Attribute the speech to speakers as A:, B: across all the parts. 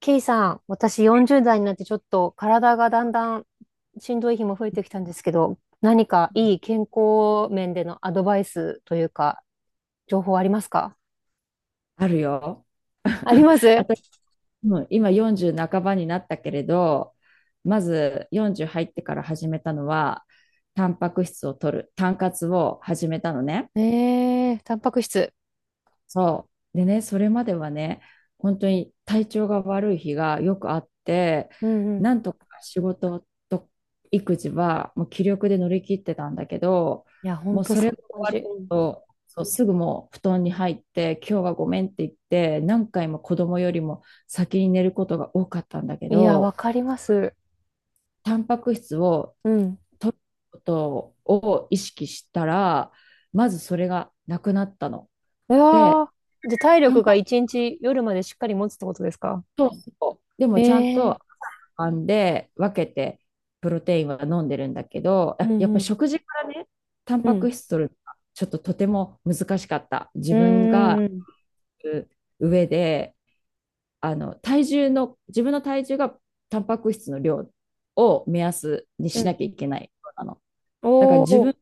A: ケイさん、私40代になってちょっと体がだんだんしんどい日も増えてきたんですけど、何かいい健康面でのアドバイスというか、情報ありますか？
B: あるよ。
A: あり ます。
B: 私、うん今40半ばになったけれど、まず40入ってから始めたのは、タンパク質を取る、タン活を始めたのね。
A: タンパク質。
B: そう。でね、それまではね、本当に体調が悪い日がよくあって、
A: うんうん。
B: なんとか仕事と育児はもう気力で乗り切ってたんだけど、
A: いや、ほん
B: もう
A: と
B: それ
A: そん
B: が
A: な
B: 終
A: 感
B: わ
A: じ。
B: る
A: うん。
B: と、そうすぐもう布団に入って、今日はごめんって言って、何回も子供よりも先に寝ることが多かったんだけ
A: いや、わ
B: ど、
A: かります。
B: タンパク質を
A: うん。
B: 取ることを意識したら、まずそれがなくなったの。
A: う
B: で、
A: わー。で、体
B: タ
A: 力
B: ン
A: が
B: パ
A: 一日夜までしっかり持つってことですか？
B: そうそう。で
A: え
B: もちゃん
A: ー、
B: と編んで分けてプロテインは飲んでるんだけど、
A: う
B: あやっ
A: んう
B: ぱ
A: ん。
B: 食事からね、タン
A: う
B: パ
A: ん。
B: ク質取るのがちょっととても難しかった。自
A: う
B: 分が
A: んうん
B: う上で、あの体重の、自分の体重がタンパク質の量を目安に
A: うん。う
B: しな
A: ん。
B: きゃいけないなの。
A: お
B: だから自分
A: ー。
B: の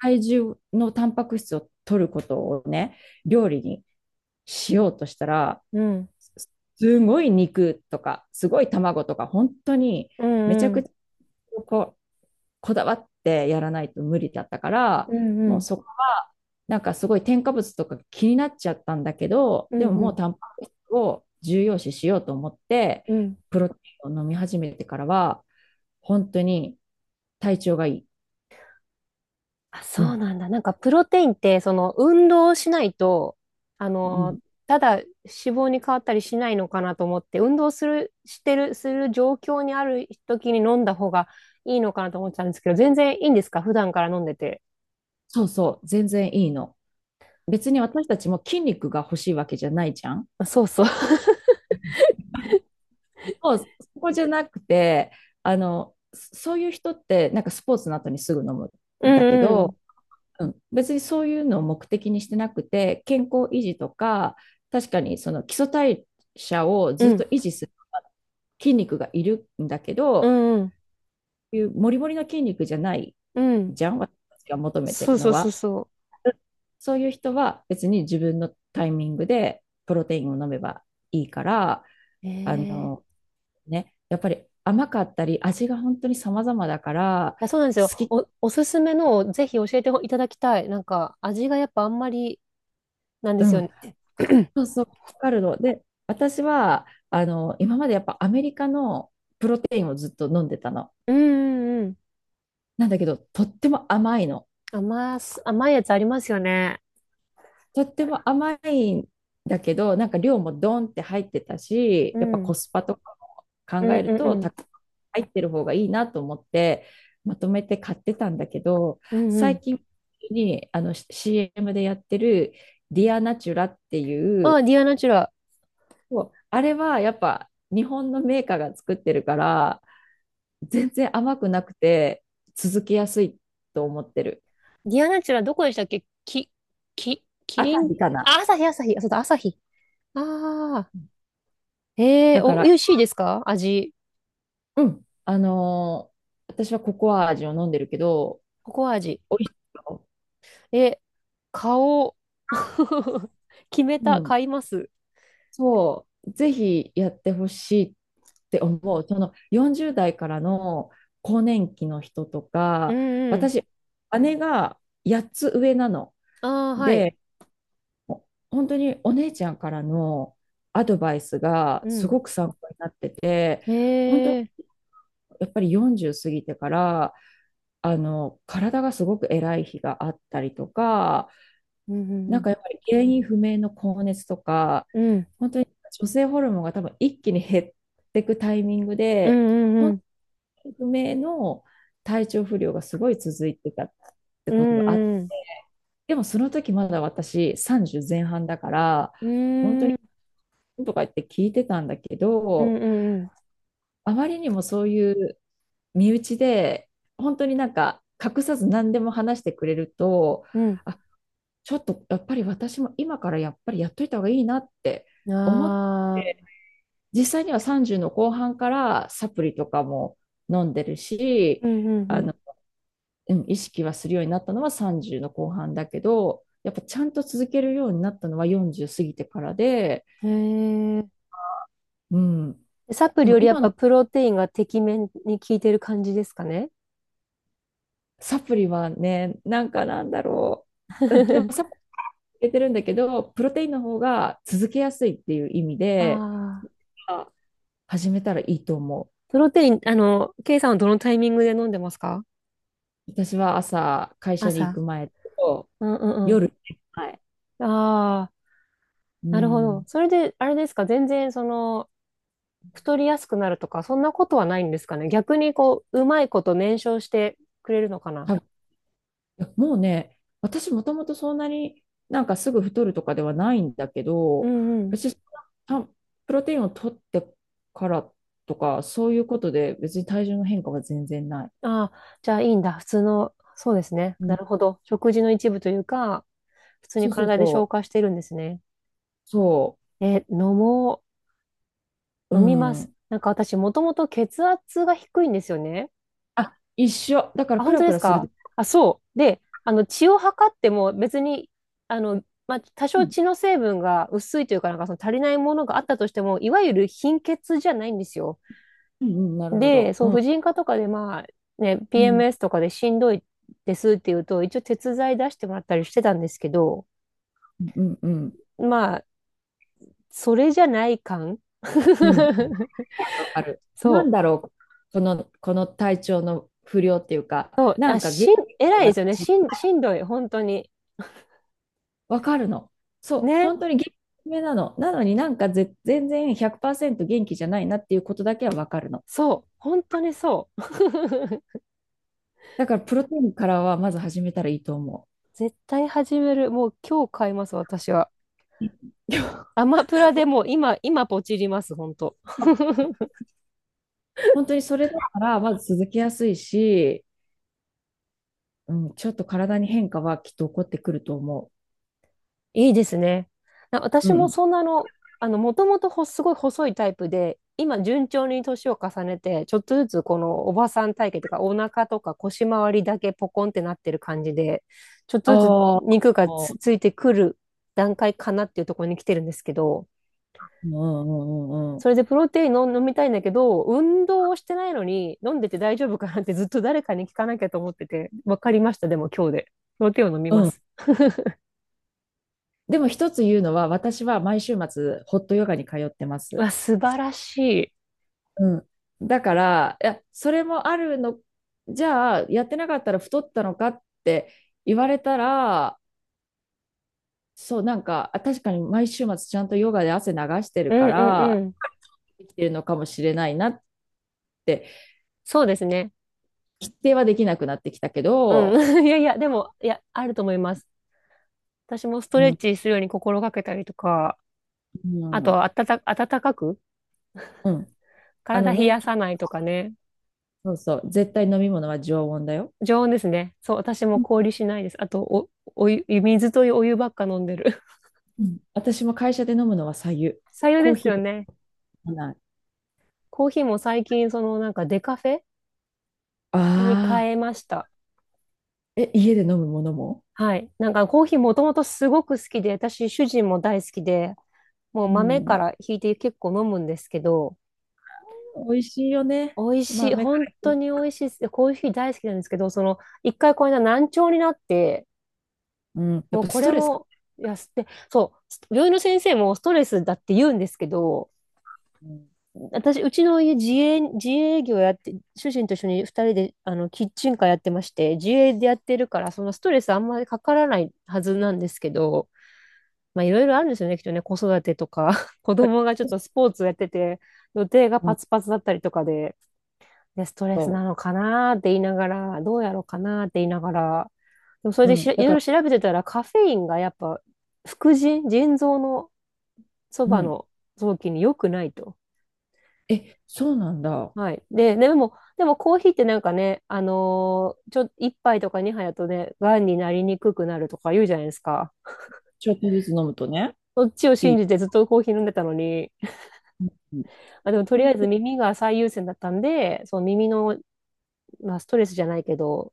B: 体重のタンパク質を取ることをね、料理にしようとしたら、
A: うん。
B: すごい肉とか、すごい卵とか、本当に
A: う
B: め
A: ん
B: ちゃ
A: う
B: く
A: ん。
B: ちゃこう、こだわってやらないと無理だったから、
A: うんう
B: もう
A: ん
B: なんかすごい添加物とか気になっちゃったんだけど、
A: うん
B: でも
A: う
B: もう
A: ん
B: タンパク質を重要視しようと思って、
A: うん。
B: プロテインを飲み始めてからは、本当に体調がいい。
A: あ、
B: う
A: そう
B: ん。
A: なんだ。なんかプロテインって、その運動をしないと、あ
B: う
A: の、
B: ん。
A: ただ脂肪に変わったりしないのかなと思って、運動する、してる、する状況にある時に飲んだ方がいいのかなと思ってたんですけど、全然いいんですか？普段から飲んでて。
B: そうそう。全然いいの。別に私たちも筋肉が欲しいわけじゃないじゃん。
A: あ、そうそう。
B: そう、そこじゃなくて、そういう人って、なんかスポーツの後にすぐ飲む
A: う
B: んだけ
A: ん
B: ど、うん、別にそういうのを目的にしてなくて、健康維持とか、確かにその基礎代謝を
A: うん。
B: ず
A: う
B: っ
A: ん。
B: と維持する筋肉がいるんだけ
A: う
B: ど、
A: んうん。
B: いうモリモリの筋肉じゃない
A: うん。
B: じゃん、私たちが求めて
A: そ
B: る
A: うそ
B: の
A: うそう
B: は。
A: そ
B: そういう人は別に自分のタイミングでプロテインを飲めばいいから、あ
A: う。
B: の、
A: ええ。
B: ね、やっぱり甘かったり、味が本当に様々だから、
A: あ、そうなんです
B: 好
A: よ。
B: き、
A: おすすめのをぜひ教えていただきたい。なんか味がやっぱあんまりなんで
B: う
A: すよ
B: ん、
A: ね。
B: そ うそう、わかるの。で、私は、今までやっぱアメリカのプロテインをずっと飲んでたの。
A: うんうんうん。
B: なんだけど、とっても甘いの。
A: 甘いやつありますよね。
B: とっても甘いんだけど、なんか量もドンって入ってたし、
A: う
B: やっぱコ
A: ん。
B: スパとか
A: う
B: も考
A: ん
B: え
A: う
B: る
A: んう
B: と、
A: ん。
B: 入ってる方がいいなと思って、まとめて買ってたんだけど、
A: うんうん。
B: 最近にあの CM でやってるディアナチュラってい
A: あ、
B: う、
A: ディアナチュラ。
B: そうあれはやっぱ日本のメーカーが作ってるから、全然甘くなくて続けやすいと思ってる。
A: ディアナチュラどこでしたっけ？キ
B: ア
A: リ
B: サ
A: ン？
B: ヒかな。
A: あ、朝日朝日。あ、そうだ、朝日。ああ。ええ
B: だ
A: ー、
B: か
A: 美
B: ら
A: 味しいですか？味。
B: うん。私はココア味を飲んでるけど、
A: ココア味。
B: 美味しいよ。
A: え、買おう。決め
B: う
A: た。
B: ん。
A: 買います。
B: そう。ぜひやってほしいって思う。その40代からの更年期の人と
A: う
B: か、
A: んうん。
B: 私、姉が8つ上なの。
A: ああ、はい。
B: で、本当にお姉ちゃんからのアドバイスが
A: う
B: す
A: ん。
B: ごく参考になってて、
A: え
B: 本当に
A: えー。
B: やっぱり40過ぎてから、体がすごく偉い日があったりとか、
A: うん
B: な
A: う
B: ん
A: ん
B: かやっぱり原因不明の高熱とか、
A: うん。
B: 本当に女性ホルモンが多分一気に減っていくタイミング
A: うん
B: で、
A: うんう
B: 本
A: ん。
B: 当に不明の体調不良がすごい続いてたって
A: う
B: ことがあって、
A: んうん
B: でもその時まだ私30前半だから、
A: うん。う
B: 本当
A: んうんう
B: に
A: ん。
B: とか言って聞いてたんだけ
A: うん
B: ど、
A: うん
B: あまりにもそういう身内で、本当になんか隠さず何でも話してくれると、
A: うん。
B: あ、ちょっとやっぱり私も今からやっぱりやっといた方がいいなって思っ
A: あ
B: て、
A: あ、
B: 実際には30の後半からサプリとかも飲んでるし、
A: うんう
B: あ
A: ん
B: の、うん、意識はするようになったのは30の後半だけど、やっぱちゃんと続けるようになったのは40過ぎてからで、
A: うん。へえ。
B: うん。
A: サプ
B: で
A: リ
B: も
A: よりやっ
B: 今
A: ぱ
B: の
A: プロテインがてきめんに効いてる感じですかね？
B: サプリはね、なんかなんだろう。うん、でもサプリ 入れてるんだけど、プロテインの方が続けやすいっていう意味で、
A: ああ、
B: あ始めたらいいと思う。
A: プロテイン、ケイさんはどのタイミングで飲んでますか？
B: 私は朝、会社に行
A: 朝。
B: く前と、
A: うんうん
B: 夜寝る前。
A: うん。ああ、
B: う
A: なるほど。
B: ん。
A: それで、あれですか、全然太りやすくなるとか、そんなことはないんですかね。逆にこう、うまいこと燃焼してくれるのかな。
B: 多分もうね、私もともとそんなになんかすぐ太るとかではないんだけ
A: う
B: ど、
A: んうん。
B: 私、たプロテインを取ってからとか、そういうことで別に体重の変化は全然ない。
A: ああ、じゃあいいんだ。普通の、そうですね。
B: う
A: な
B: ん。
A: るほど。食事の一部というか、普通
B: そ
A: に
B: うそう
A: 体で
B: そ
A: 消
B: う。
A: 化してるんですね。
B: そ
A: え、飲も
B: う。
A: う。
B: う
A: 飲みます。
B: ん。
A: なんか私、もともと血圧が低いんですよね。
B: あ、一緒。だから
A: あ、
B: ク
A: 本
B: ラ
A: 当で
B: クラ
A: す
B: する
A: か？
B: で。
A: あ、そう。で、血を測っても別に、まあ、多
B: う
A: 少
B: ん。
A: 血の成分が薄いというか、なんかその足りないものがあったとしても、いわゆる貧血じゃないんですよ。
B: うんうん、なるほ
A: で、
B: ど。
A: そう、
B: うん。
A: 婦人科とかで、まあ、ね、
B: うん。
A: PMS とかでしんどいですっていうと、一応鉄剤出してもらったりしてたんですけど、
B: うん。うん。
A: まあ、それじゃない感。
B: うん。わかる。なん
A: そ
B: だ
A: う。
B: ろう、この体調の不良っていうか、
A: そう、
B: なん
A: あ、
B: か元気ない
A: 偉いですよね。
B: 私、
A: しんどい、本当に。
B: わかるの。そう、
A: ね。
B: 本当に元気めなの。なのになんか全然100%元気じゃないなっていうことだけはわかるの。
A: そう、本当にそう。
B: だからプロテインからはまず始めたらいいと思
A: 絶対始める。もう今日買います、私は。
B: う。
A: アマプラでもう今ポチります、本当。
B: 本当にそれだからまず続けやすいし、うん、ちょっと体に変化はきっと起こってくると思
A: いいですね。
B: う。う
A: 私も
B: ん。
A: そんなの、もともとすごい細いタイプで、今順調に年を重ねて、ちょっとずつこのおばさん体型というか、お腹とか腰回りだけポコンってなってる感じで、ちょっ
B: あ
A: とずつ
B: あ、
A: 肉がついてくる段階かなっていうところに来てるんですけど、
B: うんうんうんうんうん。
A: それでプロテインを飲みたいんだけど、運動をしてないのに飲んでて大丈夫かなってずっと誰かに聞かなきゃと思ってて、わかりました、でも今日で。プロテインを飲み
B: う
A: ま
B: ん。
A: す。
B: でも一つ言うのは、私は毎週末、ホットヨガに通ってま
A: う
B: す。
A: わ、素晴らしい。
B: うん。だから、いや、それもあるの、じゃあ、やってなかったら太ったのかって言われたら、そう、なんか、あ確かに毎週末ちゃんとヨガで汗流して
A: う
B: る
A: ん
B: か
A: うん
B: ら、
A: うん。
B: できてるのかもしれないなって、
A: そうですね。
B: 否定はできなくなってきたけど、
A: うん。いやいや、でも、いや、あると思います。私もスト
B: う
A: レッ
B: ん。
A: チするように心がけたりとか、
B: う
A: あ
B: ん、
A: と、あたた、暖かく、
B: うん。あ
A: 体
B: の
A: 冷
B: ね、
A: やさないとかね。
B: そうそう、絶対飲み物は常温だよ。
A: 常温ですね。そう、私も
B: う
A: 氷しないです。あと、お湯、水とお湯ばっか飲んでる。
B: ん。私も会社で飲むのは白湯。
A: 白湯
B: コ
A: で
B: ー
A: す
B: ヒー
A: よ
B: とか
A: ね。
B: 飲まない。
A: コーヒーも最近、なんかデカフェ
B: あ
A: に
B: あ。
A: 変えました。
B: え、家で飲むものも
A: はい。なんかコーヒーもともとすごく好きで、私、主人も大好きで、もう
B: う
A: 豆か
B: ん。
A: らひいて結構飲むんですけど、
B: 美味しいよね。
A: 美味しい。
B: 豆か
A: 本当
B: ら。
A: に美味しいです。コーヒー大好きなんですけど、一回これが難聴になって、
B: うん。やっ
A: もう
B: ぱ
A: こ
B: スト
A: れ
B: レスか。
A: も、いや、すって、そう、病院の先生もストレスだって言うんですけど、
B: うん。
A: 私、うちの家自営業やって、主人と一緒に二人で、キッチンカーやってまして、自営でやってるから、そのストレスあんまりかからないはずなんですけど、まあ、いろいろあるんですよね、きっとね、子育てとか、子供がちょっとスポーツやってて、予定が
B: うん、
A: パツパツだったりとかで、ストレス
B: そ
A: なのかなーって言いながら、どうやろうかなーって言いながら、でもそれ
B: う。
A: で
B: うん。
A: い
B: だ
A: ろい
B: か
A: ろ
B: ら、
A: 調べてたら、カフェインがやっぱ、副腎、腎臓のそ
B: う
A: ば
B: ん。
A: の臓器に良くないと。
B: え、そうなんだ。
A: はい。で、でもコーヒーってなんかね、あのーちょ、一杯とか二杯だとね、癌になりにくくなるとか言うじゃないですか。
B: ちょっとずつ飲むとね。
A: そっちを
B: い
A: 信
B: い。
A: じてずっとコーヒー飲んでたのに、
B: うん。
A: あ、でもとりあえず耳が最優先だったんで、その耳の、まあ、ストレスじゃないけど、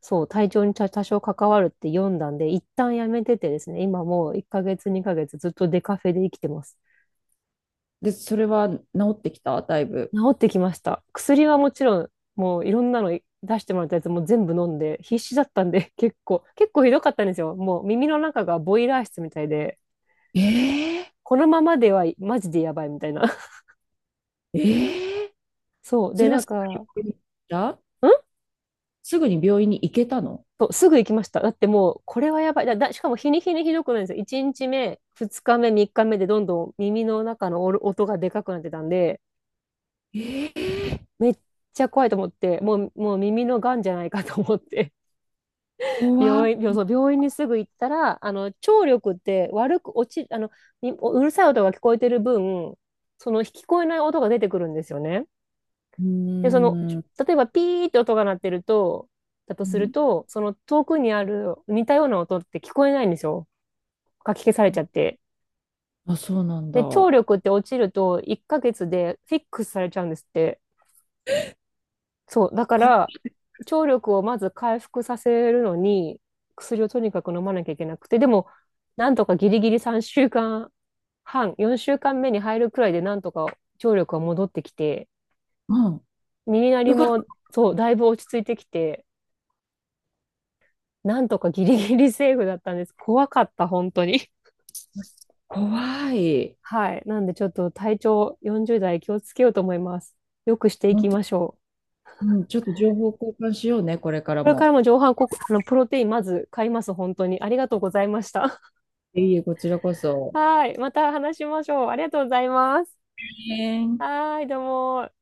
A: そう、体調に多少関わるって読んだんで、一旦やめててですね、今もう1ヶ月、2ヶ月ずっとデカフェで生きてます。
B: で、それは治ってきただいぶ？
A: 治ってきました。薬はもちろん、もういろんなの出してもらったやつも全部飲んで、必死だったんで、結構ひどかったんですよ。もう耳の中がボイラー室みたいで、
B: えー、
A: このままではマジでやばいみたいな。
B: えー、
A: そう。
B: そ
A: で、
B: れは
A: なん
B: す
A: か、ん。
B: ぐに病院に行ったすぐに病院に行けたの？
A: そうすぐ行きました。だってもう、これはやばい。しかも日に日にひどくないんですよ。1日目、2日目、3日目でどんどん耳の中の音がでかくなってたんで、
B: えー、
A: めっちゃ怖いと思って、もう耳のがんじゃないかと思って、
B: 怖っ。
A: 病院、病そう病院にすぐ行ったら、聴力って悪く落ち、にうるさい音が聞こえてる分、その聞こえない音が出てくるんですよね。
B: うー
A: で、
B: ん。
A: 例えばピーって音が鳴ってると、だと
B: う
A: する
B: ん。
A: と、その遠くにある似たような音って聞こえないんですよ。かき消されちゃって。
B: あ、そうなんだ。
A: で、聴力って落ちると1ヶ月でフィックスされちゃうんですって。そう、だから、聴力をまず回復させるのに、薬をとにかく飲まなきゃいけなくて、でも、なんとかギリギリ3週間半、4週間目に入るくらいで、なんとか聴力が戻ってきて、
B: うん。
A: 耳鳴り
B: よかった。
A: も、そう、だいぶ落ち着いてきて、なんとかギリギリセーフだったんです。怖かった、本当に。
B: 怖い。
A: はい。なんで、ちょっと体調40代気をつけようと思います。よくしていきましょう。
B: うん、ちょっと情報交換しようね、これから
A: これから
B: も。
A: も上半国、プロテインまず買います、本当に。ありがとうございました。
B: いえいえ、こちらこそ。
A: はい。また話しましょう。ありがとうございます。
B: ねえ
A: はい。どうも。